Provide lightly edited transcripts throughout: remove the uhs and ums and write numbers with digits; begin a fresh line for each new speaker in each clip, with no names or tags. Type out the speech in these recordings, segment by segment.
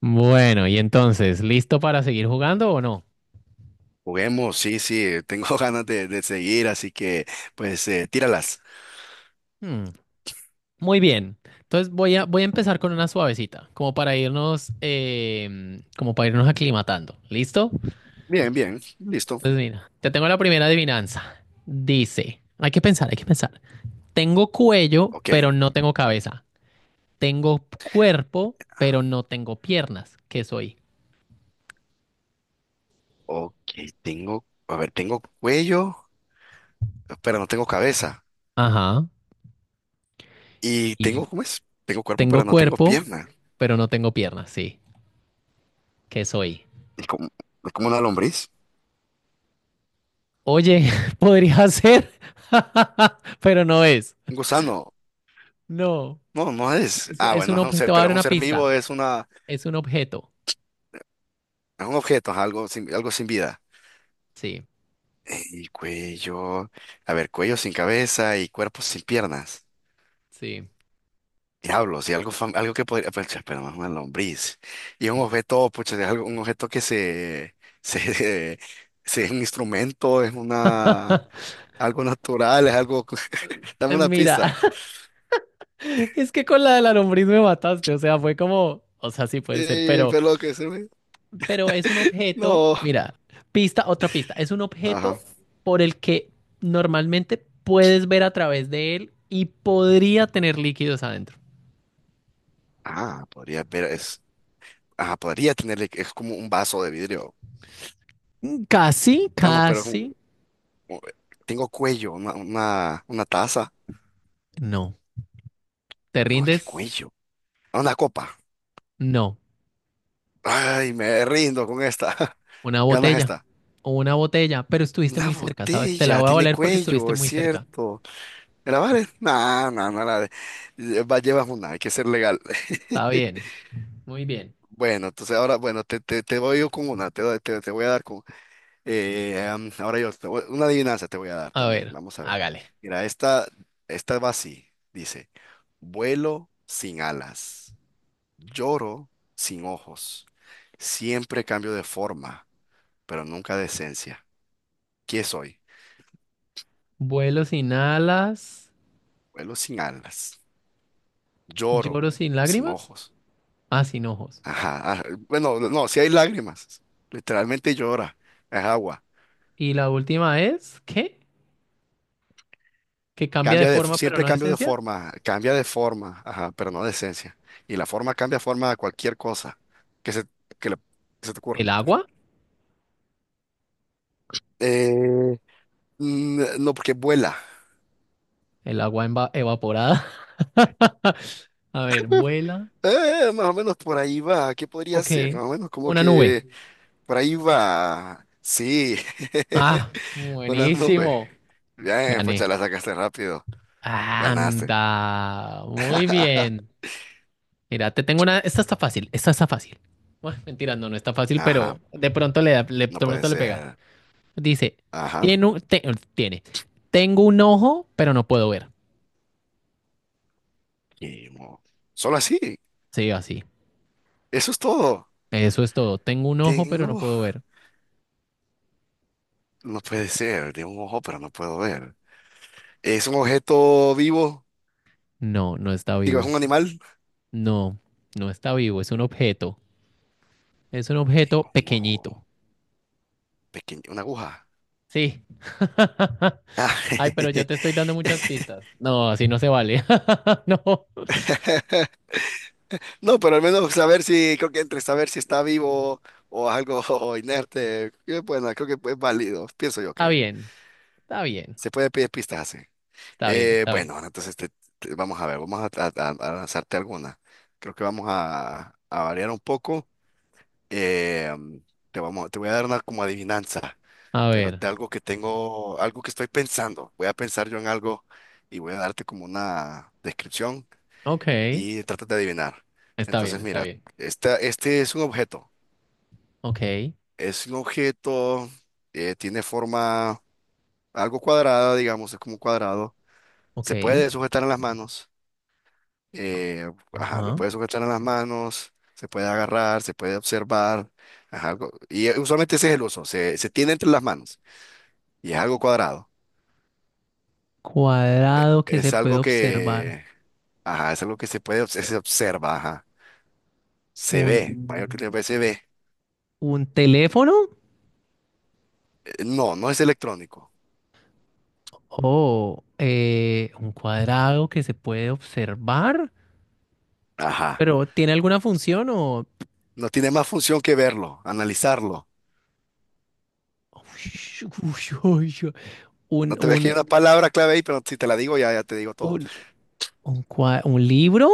Bueno, y entonces, ¿listo para seguir jugando o no?
Juguemos, sí, sí, tengo ganas de seguir, así que pues tíralas.
Hmm, muy bien. Entonces voy a empezar con una suavecita, como para irnos, como para irnos aclimatando. ¿Listo?
Bien, bien, listo.
Entonces, mira, te tengo la primera adivinanza. Dice, hay que pensar, hay que pensar. Tengo cuello,
Ok,
pero no tengo cabeza. Tengo cuerpo, pero no tengo piernas. ¿Qué soy?
ok, tengo, a ver, tengo cuello, pero no tengo cabeza.
Ajá.
Y tengo,
Y
¿cómo es? Tengo cuerpo,
tengo
pero no tengo
cuerpo,
pierna.
pero no tengo piernas, sí. ¿Qué soy?
Es como, es como una lombriz,
Oye, podría ser, pero no es.
un gusano.
No,
No, no es. Ah,
es
bueno,
un
es un
objeto.
ser,
Te voy a
pero
dar
es un
una
ser
pista.
vivo, es una,
Es un objeto.
es un objeto, es algo sin vida.
Sí,
Y cuello, a ver, cuello sin cabeza y cuerpo sin piernas.
sí.
Diablos, y algo, algo que podría, pucha, pero más una lombriz. Y un objeto, pucha, es algo, un objeto que se, se, es un instrumento, es una, algo natural, es algo, dame una
Mira,
pista.
es que con la de la lombriz me mataste. O sea, fue como, o sea, sí puede ser,
Sí, pero que se me,
pero es un objeto.
no.
Mira, pista, otra pista. Es un
Ajá.
objeto por el que normalmente puedes ver a través de él y podría tener líquidos adentro.
Ah, podría ver, es, ah, podría tenerle, es como un vaso de vidrio.
Casi,
Ah, no, pero es
casi.
un- tengo cuello, una taza.
No. ¿Te
No, qué
rindes?
cuello. Ah, una copa.
No.
Ay, me rindo con esta.
Una
Ganas
botella.
esta.
O una botella, pero estuviste
Una
muy cerca, ¿sabes? Te la
botella,
voy a
tiene
valer porque estuviste
cuello, es
muy cerca.
cierto. ¿Grabar, la vale? No, no, no la va, llevas una, hay que ser legal.
Está bien, muy bien.
Bueno, entonces ahora, bueno, te voy yo con una, te, te, te voy a dar con… ahora yo, una adivinanza te voy a dar
A
también,
ver,
vamos a ver.
hágale.
Mira, esta va así, dice, vuelo sin alas, lloro sin ojos, siempre cambio de forma, pero nunca de esencia. ¿Qué soy?
Vuelo sin alas,
Vuelo sin alas. Lloro
lloro sin
sin
lágrimas,
ojos.
ah, sin ojos.
Ajá. Bueno, no, si hay lágrimas. Literalmente llora. Es agua.
Y la última es, ¿qué? Que cambia de
Cambia de,
forma, pero
siempre
no de
cambio de
esencia.
forma, cambia de forma, ajá, pero no de esencia. Y la forma cambia forma a cualquier cosa que se, que le- que se te ocurra.
¿El agua?
Eh, no, porque vuela.
El evaporada. A ver, vuela.
Más o menos por ahí va. ¿Qué podría
Ok.
ser? Más o menos como
Una nube.
que por ahí va. Sí.
Ah,
Una nube.
buenísimo.
Bien, pucha,
Gané.
la sacaste rápido. Ganaste.
Anda. Muy bien. Mira, te tengo una. Esta está fácil, esta está fácil. Bueno, mentira, no, no está fácil, pero
Ajá,
de pronto le da, de
no puede
pronto le pega.
ser.
Dice,
Ajá,
tiene un, te- tiene, tengo un ojo, pero no puedo ver.
y mo- solo así.
Sí, así.
Eso es todo.
Eso es todo. Tengo un ojo, pero no
Tengo,
puedo ver.
no puede ser, tengo un ojo, pero no puedo ver. ¿Es un objeto vivo?
No, no está
Digo, ¿es
vivo.
un animal?
No, no está vivo. Es un objeto. Es un objeto
Tengo un ojo,
pequeñito.
pequeño, una aguja.
Sí.
Ah,
Ay, pero yo te estoy dando muchas pistas. No, así no se vale. No.
no, pero al menos saber si, creo que entre saber si está vivo o algo inerte, bueno, creo que es válido. Pienso yo
Está
que
bien. Está bien.
se puede pedir pistas así.
Está bien, está
Bueno,
bien.
ahora entonces vamos a ver, vamos a, a lanzarte alguna. Creo que vamos a variar un poco. Eh, mm, te vamos, te voy a dar una como adivinanza,
A
pero
ver.
de algo que tengo, algo que estoy pensando. Voy a pensar yo en algo y voy a darte como una descripción
Ok,
y trata de adivinar.
está bien,
Entonces,
está
mira,
bien.
esta, este es un objeto.
Ok,
Es un objeto, tiene forma algo cuadrada, digamos, es como un cuadrado.
Ok.
Se puede sujetar en las manos ajá, lo
Ajá.
puede sujetar en las manos, se puede agarrar, se puede observar, ajá, algo, y usualmente ese es el uso, se tiene entre las manos y es algo cuadrado,
Cuadrado que se
es
puede
algo
observar.
que, ajá, es algo que se puede, se observa, ajá, se
Un,
ve, mayor que ve, se ve,
un teléfono
No, no es electrónico,
o un cuadrado que se puede observar.
ajá,
Pero ¿tiene alguna función o...
no tiene más función que verlo, analizarlo.
Ush, ush, ush, ush. un,
No te, es que
un,
hay una palabra clave ahí, pero si te la digo ya, ya te digo todo.
un, un libro,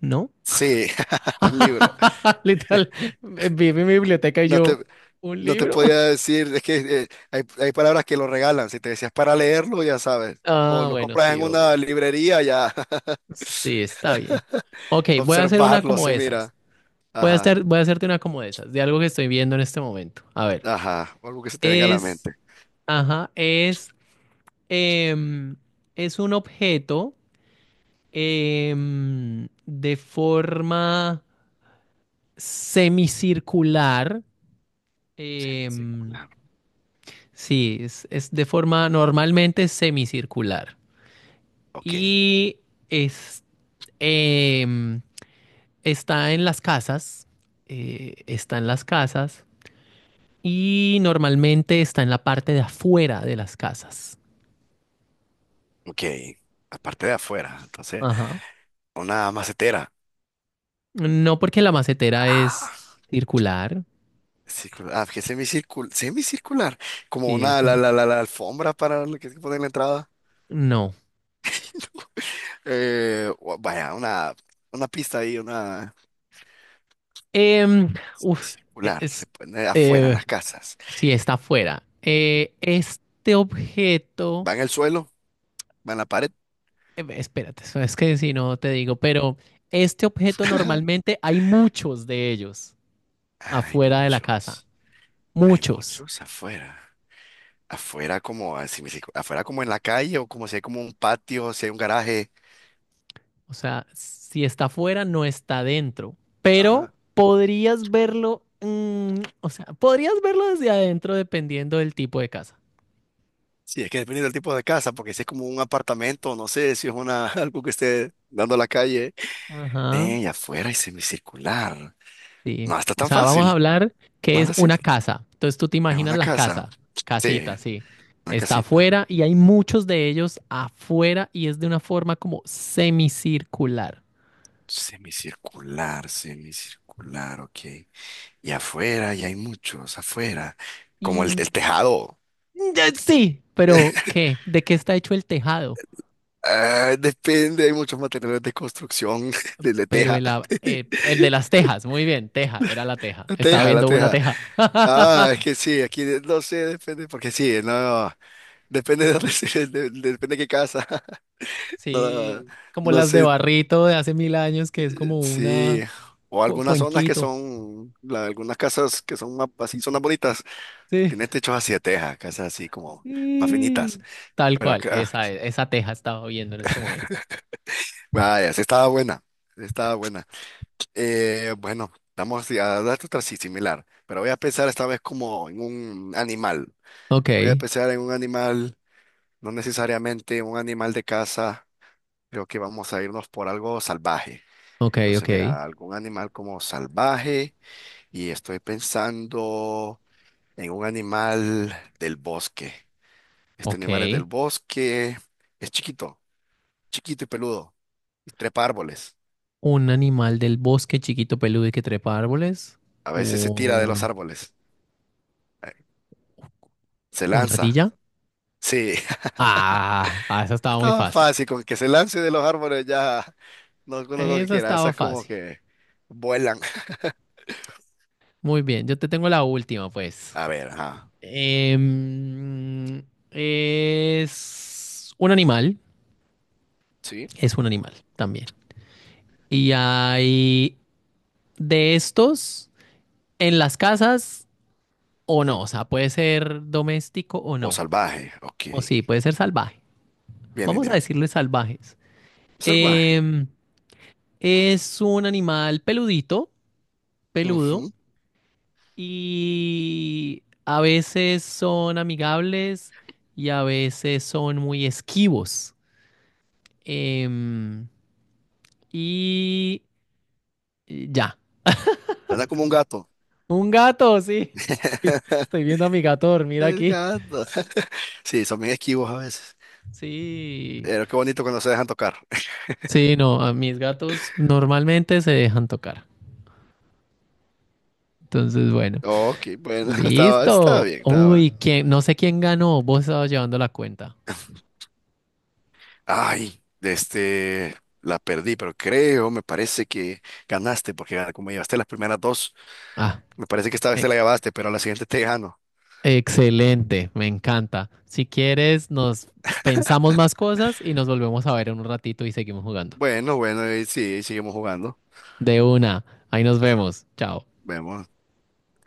¿no?
Sí, un libro.
Literal, vi mi biblioteca y
no
yo,
te
¿un
No te
libro?
podía decir, es que hay palabras que lo regalan. Si te decías para leerlo, ya sabes. O
Ah,
lo
bueno,
compras
sí,
en una
ok.
librería, ya.
Sí, está bien. Ok, voy a hacer una
Observarlo,
como
se
esas.
mira. Ajá,
Voy a hacerte una como esas, de algo que estoy viendo en este momento. A ver,
ajá. O algo que se te venga a la
es,
mente.
ajá, es, em, es un objeto de forma semicircular. em,
Semicircular.
sí, es de forma normalmente semicircular.
Ok,
Y es, em, Está en las casas, está en las casas y normalmente está en la parte de afuera de las casas.
ok. Aparte de afuera. Entonces,
Ajá.
una macetera.
No porque la macetera es
Ah,
circular,
circular. Ah, que semicircular. Semicircular. Como
sí,
una, la,
eso.
la, la, la alfombra para lo que se pone en la entrada.
No.
Vaya, una pista ahí, una.
Em, uf,
Circular, se
es,
pone afuera, en
eh,
las casas.
sí, está afuera. Este objeto,
Va en el suelo, va en la pared.
espérate, eso es que si no te digo, pero este objeto normalmente hay muchos de ellos
Hay
afuera de la casa.
muchos, hay
Muchos.
muchos afuera. Afuera como, así me dice, afuera como en la calle o como si hay como un patio, si hay un garaje.
O sea, si está afuera, no está dentro. Pero
Ajá.
podrías verlo, mm, o sea, podrías verlo desde adentro dependiendo del tipo de casa.
Sí, es que depende del tipo de casa, porque si es como un apartamento, no sé, si es una, algo que esté dando a la calle.
Ajá,
Y afuera y semicircular.
sí.
No está
O
tan
sea, vamos a
fácil.
hablar que
No
es
la
una
siento.
casa. Entonces tú te
Es
imaginas
una
la
casa.
casa,
Sí,
casita, sí.
una
Está
casita.
afuera y hay muchos de ellos afuera y es de una forma como semicircular.
Semicircular, semicircular, ok. Y afuera, y hay muchos afuera, como
Y
el
mm,
tejado.
sí, pero ¿qué? ¿De qué está hecho el tejado?
Ah, depende, hay muchos materiales de construcción, de
Pero
teja,
el, el de las tejas, muy bien, teja, era la teja.
la
Estaba
teja, la
viendo una
teja.
teja.
Ah, es que sí, aquí no sé, depende, porque sí, no, depende de dónde depende de qué casa. No,
Sí, como
no
las de
sé,
Barrito de hace 1000 años, que es como
sí,
una
o algunas zonas que
cuenquito.
son, algunas casas que son más, así, zonas bonitas,
Sí,
tienen techos así de teja, casas así como más finitas.
sí. Tal
Pero
cual,
acá, ah,
esa teja estaba viendo en este momento.
vaya, sí estaba buena, sí estaba buena. Bueno, vamos a darte otra sí, similar, pero voy a pensar esta vez como en un animal.
Ok,
Voy a pensar en un animal, no necesariamente un animal de casa. Creo que vamos a irnos por algo salvaje.
ok,
Entonces,
ok,
mira, algún animal como salvaje y estoy pensando en un animal del bosque. Este
ok.
animal es del bosque, es chiquito, chiquito y peludo, y trepa árboles.
Un animal del bosque chiquito peludo y que trepa árboles.
A veces se tira de los
Un,
árboles, eh, se
una
lanza.
ardilla.
Sí.
Ah, ah, esa estaba muy
Estaba
fácil.
fácil, con que se lance de los árboles ya no con lo que
Esa
quiera.
estaba
Esas como
fácil.
que vuelan.
Muy bien, yo te tengo la última, pues.
A ver, ajá.
Em, es un animal,
¿Sí?
es un animal también. Y hay de estos en las casas o no, o
Mm.
sea, puede ser doméstico o
O
no,
salvaje, ok.
o sí, puede ser salvaje.
Bien, bien,
Vamos a
bien.
decirle salvajes.
Salvaje.
Em, es un animal peludito, peludo,
Ujú.
y a veces son amigables y a veces son muy esquivos. Em, y y ya.
Anda como un gato.
Un gato, sí. Estoy, estoy viendo a mi gato dormir
El
aquí.
gato. Sí, son bien esquivos a veces.
Sí.
Pero qué bonito cuando se dejan tocar.
Sí, no, a mis gatos normalmente se dejan tocar. Entonces, bueno.
Ok, bueno, estaba, estaba
Listo.
bien, estaba
Uy,
bien.
¿quién? No sé quién ganó. Vos estabas llevando la cuenta.
Ay, este, la perdí, pero creo, me parece que ganaste porque como llevaste las primeras dos.
Ah.
Me parece que esta vez te la
eh,
llevaste, pero a la siguiente te gano.
Excelente, me encanta. Si quieres, nos pensamos más cosas y nos volvemos a ver en un ratito y seguimos jugando.
Bueno, bueno, y sí, seguimos jugando.
De una, ahí nos vemos. Chao.
Vemos.